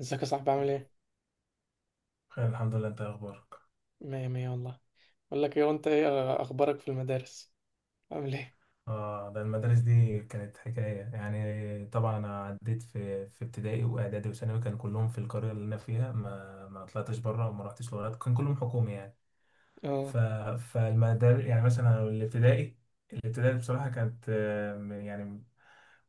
ازيك يا صاحبي، عامل ايه؟ خير الحمد لله. انت ايه اخبارك؟ مية مية والله. بقول لك ايه، وانت ايه اخبارك في المدارس؟ عامل ايه؟ اه، ده المدارس دي كانت حكايه يعني. طبعا انا عديت في ابتدائي واعدادي وثانوي، كان كلهم في القريه اللي انا فيها، ما طلعتش بره وما رحتش لغات، كان كلهم حكومي يعني. اه ف فالمدار يعني مثلا الابتدائي، بصراحه كانت يعني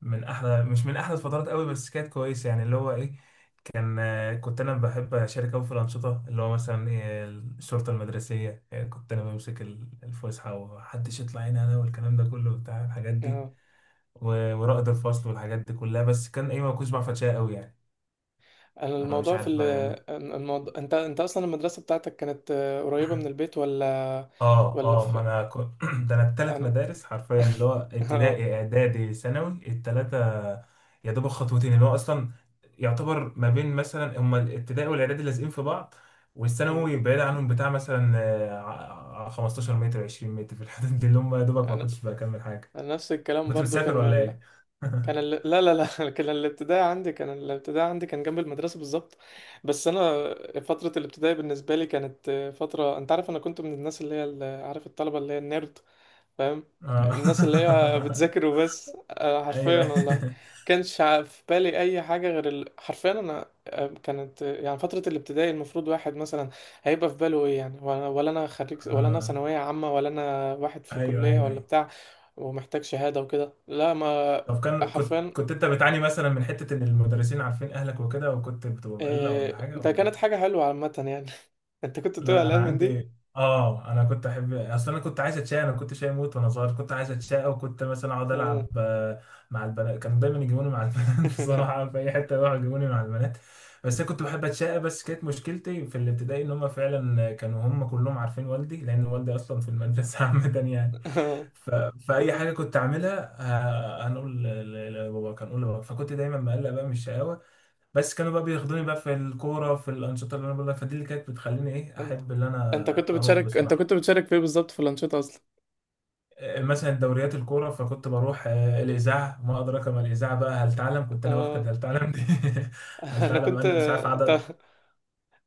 من احلى، مش من احلى الفترات قوي، بس كانت كويسه يعني، اللي هو ايه. كان كنت انا بحب اشارك قوي في الانشطه، اللي هو مثلا إيه، الشرطه المدرسيه. إيه، كنت انا بمسك الفسحه ومحدش يطلع هنا انا، والكلام ده كله بتاع الحاجات دي، اه، ورائد الفصل والحاجات دي كلها. بس كان ايه، ما كنتش بعرف اتشقى قوي يعني. انا أنا مش الموضوع عارف بقى يعني. الموضوع، انت اصلا المدرسة بتاعتك كانت قريبة من البيت، ولا اه ولا اه، ما في انا كنت ده انا التلات انا مدارس حرفيا، اللي هو اه ابتدائي اعدادي ثانوي، التلاتة يا دوب خطوتين، اللي هو اصلا يعتبر ما بين مثلا هما الابتدائي والاعدادي لازقين في بعض، آه. والثانوي بعيد عنهم بتاع مثلا 15 متر 20 متر في الحدود دي، اللي هم يا دوبك ما انا كنتش بكمل حاجة. أنا نفس الكلام كنت برضو مسافر ولا ايه؟ لا لا لا كان الابتدائي عندي كان جنب المدرسة بالظبط. بس انا فترة الابتدائي بالنسبة لي كانت فترة، انت عارف انا كنت من الناس اللي هي عارف، الطلبة اللي هي النيرد، فاهم؟ اه الناس اللي هي بتذاكر وبس ايوه حرفيا والله. في بالي اي حاجه غير حرفيا، انا كانت يعني فتره الابتدائي المفروض واحد مثلا هيبقى في باله ايه، يعني ولا انا خريج، ولا انا اه، ثانويه عامه، ولا انا واحد في ايوه كليه، ايوه ولا ايوه. بتاع ومحتاج شهاده وكده، لا ما. طب كان كنت حرفيا كنت انت بتعاني مثلا من حتة ان المدرسين عارفين اهلك وكده، وكنت بتبقى مقلق ولا حاجة ده ولا؟ كانت حاجه حلوه عامه يعني. انت كنت بتقول لا انا قلقان من دي؟ عندي، اه، انا كنت احب، اصل انا كنت عايز اتشقى، انا كنت شقي موت وانا صغير، كنت عايز اتشقى، وكنت مثلا اقعد العب آه. مع البنات، كانوا دايما يجيبوني مع البنات بصراحه في اي حته يروحوا يجيبوني مع البنات، بس انا كنت بحب اتشقى. بس كانت مشكلتي في الابتدائي ان هم فعلا كانوا هم كلهم عارفين والدي، لان والدي اصلا في المدرسه عامه يعني. آه. ف... فاي حاجه كنت اعملها هنقول لبابا، كان اقول لبابا، فكنت دايما مقلق بقى من الشقاوه. بس كانوا بقى بياخدوني بقى في الكورة، في الأنشطة اللي أنا بقول لك، فدي اللي كانت بتخليني إيه انت أحب اللي انت أنا كنت أروح بتشارك، انت بصراحة. كنت بتشارك في ايه بالظبط، في الانشطه اصلا؟ مثلا دوريات الكورة، فكنت بروح الإذاعة، ما أدراك ما الإذاعة بقى، هل تعلم، كنت أنا واخد اه. هل تعلم دي هل انا تعلم، كنت أنا مش عارف عدد. تا-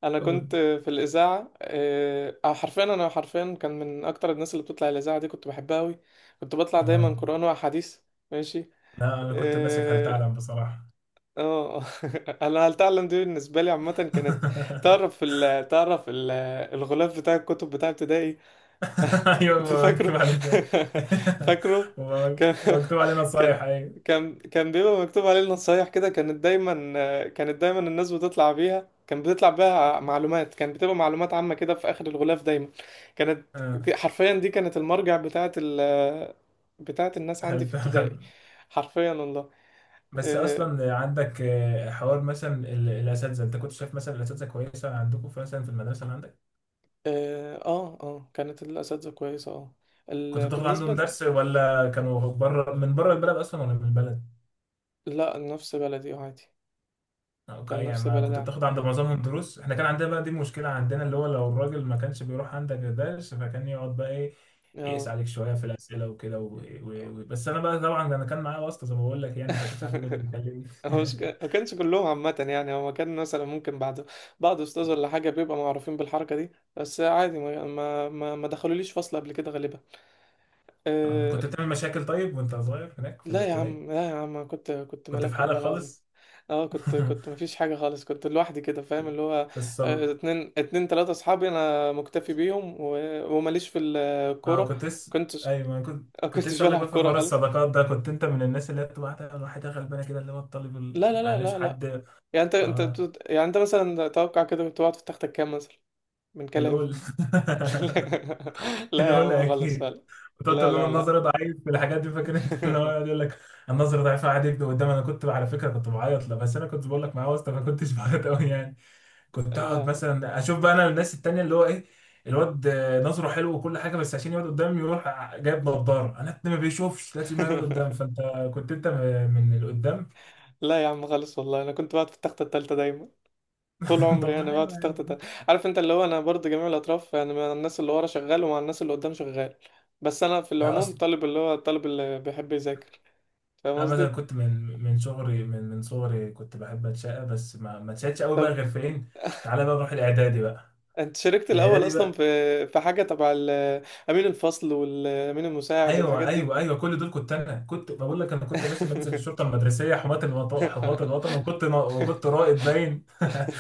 انا قول. كنت في الاذاعه حرفيا، انا حرفيا كان من اكتر الناس اللي بتطلع الاذاعه دي، كنت بحبها قوي. كنت بطلع دايما آه. قران واحاديث. ماشي. لا أنا كنت ماسك هل اه تعلم بصراحة آه. انا هل تعلم دي بالنسبه لي عامه كانت. تعرف الغلاف بتاع الكتب بتاع ابتدائي، أيوة انت بقى، فاكره؟ مكتوب عليه فين؟ فاكره. كان ومكتوب عليه كان نصايح، أيوة. كان بيبقى مكتوب عليه النصايح كده، كانت دايما، كانت دايما الناس بتطلع بيها، كان بتطلع بيها معلومات، كان بتبقى معلومات عامة كده في آخر الغلاف دايما. كانت آه، حرفيا دي كانت المرجع بتاعت الناس عندي هل في ابتدائي، تعلم. حرفيا والله. بس اه اصلا عندك حوار مثلا الاساتذه، انت كنت شايف مثلا الاساتذه كويسه عندكم مثلا في المدرسه اللي عندك؟ اه آه، كانت الأساتذة كويسة، اه. كنت ال- بتاخد بالنسبة عندهم ل- درس ولا كانوا بره من بره البلد اصلا ولا من البلد؟ لا نفس بلدي عادي. أو كان يعني نفس ما بلدي كنت عادي. بتاخد عند معظمهم دروس. احنا كان عندنا بقى دي مشكله عندنا، اللي هو لو الراجل ما كانش بيروح عندك درس فكان يقعد بقى ايه، يقيس اه. عليك شويه في الاسئله وكده بس انا بقى طبعا انا كان معايا واسطه زي ما بقول لك يعني، فكانش حد بيقدر يكلمني هو مش ما كانش كلهم عامة يعني، هو كان مثلا ممكن بعد بعض أستاذ ولا حاجة بيبقى معروفين بالحركة دي، بس عادي ما دخلوليش فصل قبل كده غالبا. أه. كنت بتعمل مشاكل طيب وانت صغير هناك في لا يا الابتدائي؟ عم، لا يا عم، أنا كنت كنت في ملاك والله حالك العظيم. خالص؟ اه كنت كنت مفيش حاجة خالص، كنت لوحدي كده، فاهم اللي هو الصد... اتنين اتنين تلاتة أصحابي، أنا مكتفي بيهم، وماليش في اه الكورة. كنت لسه، كنتش ايوه ما كنت، كنت كنتش لسه اقول لك بلعب بقى في كورة حوار خالص. الصداقات ده، كنت انت من الناس اللي هي بتبقى تعمل واحده غلبانه كده، اللي هو الطالب لا لا لا معلش لا لا. حد، يعني اه، يعني انت مثلا توقع كده كنت بتقعد في تختك كام مثلا، من كلام. القول لا يا القول عم خالص، اكيد. فعلا. وتقعد لا تقول لهم لا لا. النظر ضعيف في الحاجات دي، فاكر؟ انت اللي هو يقعد يقول لك النظر ضعيف قاعد يكتب قدام. انا كنت على فكره كنت بعيط له، بس انا كنت بقول لك معاه واسطه، ما كنتش بعيط قوي يعني. كنت اقعد لا. مثلا اشوف بقى انا الناس التانية، اللي هو ايه، الواد نظره حلو وكل حاجه، بس عشان يقعد قدام يروح جايب نضاره، انا ما بيشوفش لازم يقعد قدام. فانت كنت انت من اللي قدام. لا يا عم خالص والله، انا كنت بقعد في التخته التالتة دايما، طول طب عمري ما انا بقعد حلو في التخته يعني. التالتة. عارف انت اللي هو، انا برضو جميع الاطراف يعني، مع الناس اللي ورا شغال، ومع الناس اللي قدام شغال. بس انا في لا العموم اصلا طالب، اللي هو الطالب اللي بيحب يذاكر، فاهم انا مثلا قصدي؟ كنت من صغري، من صغري كنت بحب اتشقى، بس ما اتشقتش قوي بقى طب غير فين. تعالى بقى نروح الاعدادي بقى. انت شاركت الاول الاعدادي اصلا في بقى، في حاجه تبع امين الفصل والامين المساعد ايوه والحاجات دي؟ ايوه ايوه كل دول كنت انا. كنت بقول لك، انا كنت يا باشا بنزل الشرطه المدرسيه، حماة الوطن، حماة الوطن، وكنت رائد باين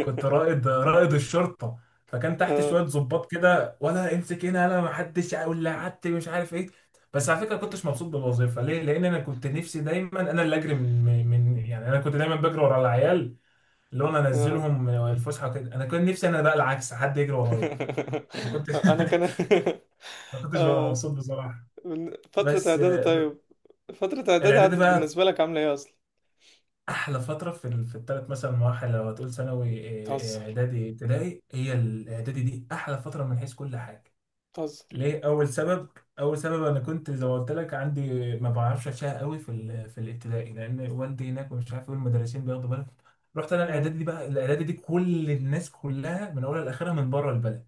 كنت رائد، الشرطه، فكان تحت شويه ضباط كده، ولا امسك هنا انا ما حدش ولا قعدت مش عارف ايه. بس على فكره ما كنتش مبسوط بالوظيفه. ليه؟ لان انا كنت نفسي دايما انا اللي اجري يعني انا كنت دايما بجري ورا العيال، اللي هو انا اه. انزلهم الفسحه كده، انا كنت نفسي انا بقى العكس حد يجري ورايا. ما كنتش انا كان ما كنتش ببقى اه. مبسوط بصراحه. من فترة بس اعدادي، طيب، فترة اعدادي الاعدادي عدت بقى بالنسبة لك عاملة ايه اصلا؟ احلى فتره في في الثلاث مثلا مراحل، لو هتقول ثانوي بتهزر، اعدادي ابتدائي، هي الاعدادي دي احلى فتره من حيث كل حاجه. بتهزر. ليه؟ اول سبب، اول سبب انا كنت زي ما قلت لك عندي ما بعرفش اشياء قوي في في الابتدائي لان والدي هناك ومش عارف ايه، المدرسين بياخدوا بالهم. رحت انا اه الاعدادي دي بقى، الاعدادي دي كل الناس كلها من اولها لاخرها من بره البلد،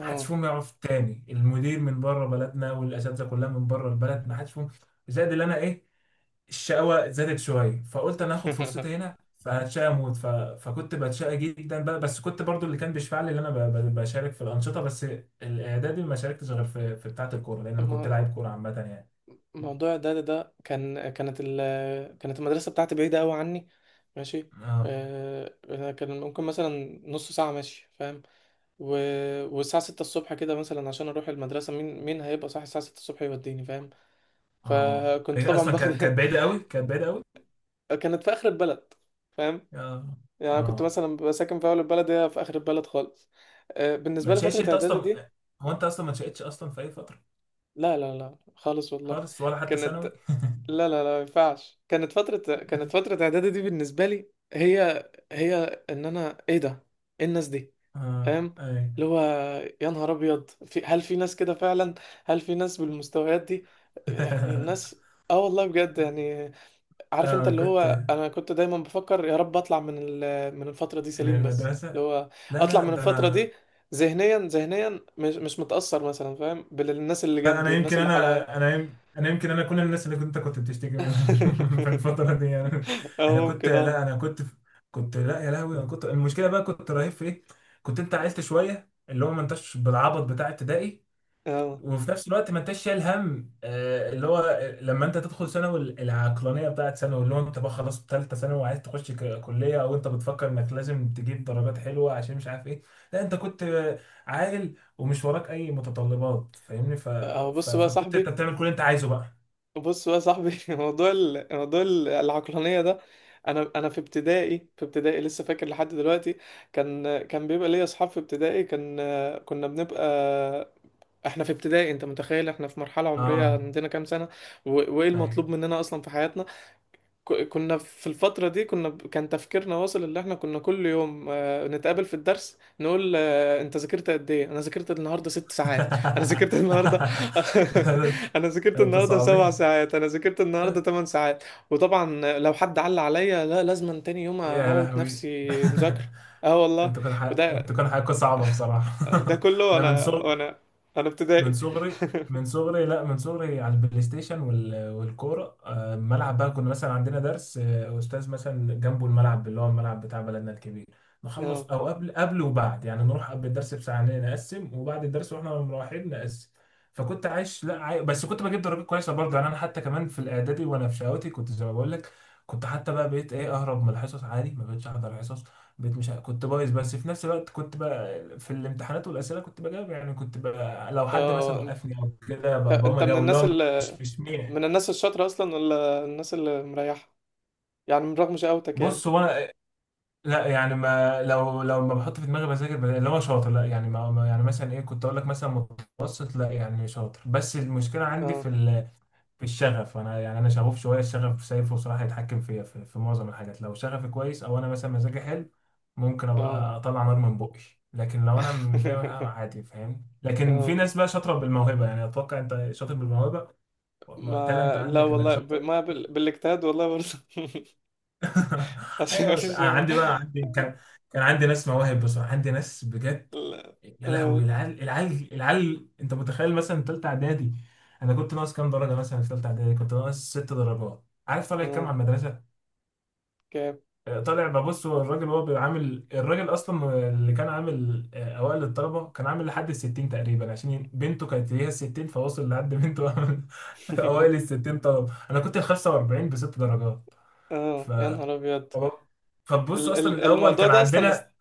ما حدش فيهم يعرف التاني، المدير من بره بلدنا والاساتذه كلها من بره البلد، ما حدش فيهم. زائد اللي انا ايه، الشقاوة زادت شوية، فقلت أنا هاخد فرصتي هنا فهتشقى أموت. فكنت بتشقى جدا بقى. بس كنت برضو اللي كان بيشفع لي إن أنا بشارك في الأنشطة. بس الإعدادي ما شاركتش غير في بتاعة الكورة، لأن أنا كنت الم- لاعب كورة عامة يعني. موضوع اعدادي ده كان، كانت المدرسة بتاعتي بعيدة قوي عني، ماشي. آه. أنا كان ممكن مثلا نص ساعة ماشي، فاهم؟ و... والساعة ستة الصبح كده مثلا عشان أروح المدرسة، مين مين هيبقى صاحي الساعة 6 الصبح يوديني، فاهم؟ آه، فكنت هي طبعا أصلا كانت، باخد كانت بعيدة أوي، كانت بعيدة أوي. كانت في اخر البلد، فاهم، آه. يعني أنا كنت آه، مثلا ببقى ساكن في اول البلد، هي في اخر البلد خالص. ما بالنسبه لي تشقتش فتره أنت اعدادي أصلا؟ دي، هو أنت أصلا ما تشقتش أصلا في أي فترة لا لا لا خالص والله. خالص؟ ولا حتى كانت، ثانوي؟ لا لا لا ما ينفعش، كانت فتره، كانت فتره اعدادي دي بالنسبه لي هي هي ان انا ايه ده، ايه الناس دي، آه، فاهم؟ أي اللي هو يا نهار ابيض، في هل في ناس كده فعلا، هل في ناس بالمستويات دي يعني الناس؟ اه والله بجد يعني، عارف انت آه اللي كنت هو، انا كنت دايما بفكر يا رب اطلع من من الفتره دي من سليم، بس المدرسة، اللي هو لا اطلع لا من ده الفتره أنا. دي ذهنيا، ذهنيا مش متاثر مثلا، فاهم، بالناس اللي لا جنبي انا والناس يمكن، اللي حواليا. انا انا يم- انا يمكن انا كل الناس اللي كنت كنت بتشتكي منهم في الفتره دي انا، انا اه كنت ممكن اه. لا انا كنت كنت لا يا لهوي انا كنت، المشكله بقى كنت رهيب في ايه، كنت انت عيلت شويه اللي هو ما انتش بالعبط بتاع ابتدائي، اه وفي نفس الوقت ما انتش شايل هم اللي هو لما انت تدخل ثانوي العقلانيه بتاعت ثانوي، اللي هو انت بقى خلاص ثالثه ثانوي وعايز تخش كليه، او انت بتفكر انك لازم تجيب درجات حلوه عشان مش عارف ايه. لا انت كنت عاقل ومش وراك اي متطلبات، فاهمني؟ اه. بص بقى يا فكنت انت صاحبي، بتعمل كل اللي انت عايزه بقى. بص بقى يا صاحبي، موضوع العقلانيه ده، انا في ابتدائي، في ابتدائي لسه فاكر لحد دلوقتي، كان، كان بيبقى ليا اصحاب في ابتدائي، كان كنا بنبقى، احنا في ابتدائي، انت متخيل احنا في مرحلة عمرية اه عندنا كام سنة؟ و... وايه ايوه المطلوب مننا اصلا في حياتنا؟ كنا في الفترة دي كنا كان تفكيرنا واصل اللي احنا كنا كل يوم نتقابل في الدرس نقول انت ذاكرت قد ايه؟ انا ذاكرت النهاردة 6 ساعات، انا ذاكرت النهاردة انا ذاكرت انت النهاردة سبع صعبين، ساعات انا ذاكرت النهاردة 8 ساعات. وطبعا لو حد علق عليا، لا، لازم تاني يوم يا اموت لهوي نفسي مذاكرة. اه والله. انتوا كان وده انتوا كان حقكم صعبه بصراحه ده كله انا من انا صغر، وانا انا من ابتدائي. صغري، من صغري لا، من صغري على البلاي ستيشن والكوره. الملعب بقى، كنا مثلا عندنا درس، استاذ مثلا جنبه الملعب، اللي هو الملعب بتاع بلدنا الكبير، اه نخلص او قبل وبعد يعني، نروح قبل الدرس بساعه نقسم، وبعد الدرس واحنا مروحين نقسم. فكنت عايش لا بس كنت بجيب درجات كويسه برضه يعني. انا حتى كمان في الاعدادي وانا في شهوتي كنت زي ما بقول لك، كنت حتى بقى بقيت ايه، اهرب من الحصص عادي، ما بقتش احضر حصص. بقيت مش كنت بايظ، بس في نفس الوقت كنت بقى في الامتحانات والاسئله كنت بجاوب يعني، كنت بقى لو حد اه. مثلا انت وقفني او كده بقوم انت من اجاوب، اللي الناس هو اللي، مش مين. من الناس الشاطرة اصلا ولا الناس اللي مريحة، يعني من رغم شقاوتك يعني؟ بص هو انا، لا يعني ما، لو ما بحط في دماغي بذاكر اللي هو شاطر، لا يعني يعني مثلا ايه، كنت اقول لك مثلا متوسط، لا يعني شاطر، بس المشكله عندي اه في الشغف انا، يعني انا شغوف شويه، الشغف شايفه صراحه يتحكم فيا في معظم الحاجات، لو شغفي كويس او انا مثلا مزاجي حلو ممكن اه. ابقى اطلع نار من بقي. لكن لو انا متضايق أنا عادي، فاهم؟ لكن في اه. ناس بقى شاطره بالموهبه يعني. اتوقع انت شاطر بالموهبه، تالنت ما لا عندك انك والله ب... شاطر. ما بال... بالاجتهاد والله برضه. عشان ايوه، بس مفيش. أنا عندي بقى، عندي كان كان عندي ناس مواهب بصراحه، عندي ناس بجد لا. يا اه لهوي. العيال انت متخيل مثلا ثالثه اعدادي، انا كنت ناقص كام درجه، مثلا في ثالثه اعدادي كنت ناقص ست درجات. عارف طالع كام اه. على المدرسه؟ كام؟ طالع، ببص هو الراجل هو بيبقى عامل، الراجل اصلا اللي كان عامل اوائل الطلبه كان عامل لحد ال 60 تقريبا، عشان بنته كانت ليها 60، فوصل لحد بنته اوائل ال 60 طلبه انا كنت ال 45 بست درجات. اه يا نهار ابيض. تمام. فبص اصلا الاول الموضوع كان ده اصلا، عندنا.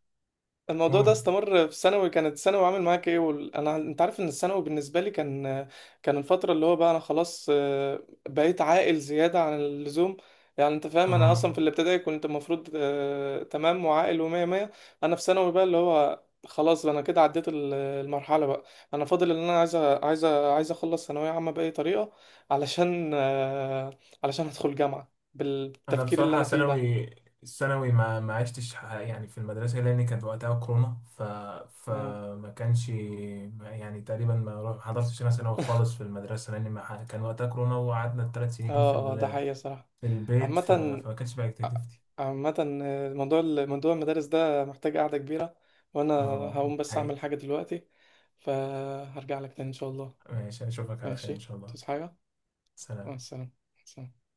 الموضوع ده قول. استمر في ثانوي، كانت ثانوي عامل معاك ايه؟ انا انت عارف ان الثانوي بالنسبه لي كان، كان الفتره اللي هو بقى انا خلاص بقيت عاقل زياده عن اللزوم. يعني انت فاهم، انا اصلا في اه، الابتدائي كنت المفروض تمام وعاقل ومية مية، انا في ثانوي بقى اللي هو خلاص، انا كده عديت المرحله بقى. انا فاضل ان انا عايز اخلص ثانويه عامه باي طريقه، علشان علشان ادخل جامعه انا بالتفكير اللي بصراحه انا فيه ده، ثانوي، الثانوي ما عشتش يعني في المدرسه، لان كانت وقتها كورونا. ف يعني. فما كانش ما- يعني تقريبا ما حضرتش انا ثانوي خالص في المدرسه، لان ما ح- كان وقتها كورونا، وقعدنا الثلاث سنين اه اه، ده حقيقه صراحه. في البيت. عامة، فما كانش بقى اكتيفيتي. عامة موضوع المدارس ده محتاج قعدة كبيرة، وأنا اه هقوم بس حقيقي. أعمل حاجة دلوقتي، فهرجع لك تاني إن شاء الله. ماشي، اشوفك على خير ان ماشي، شاء الله. تصحى حاجة، مع سلام. السلامة، سلام.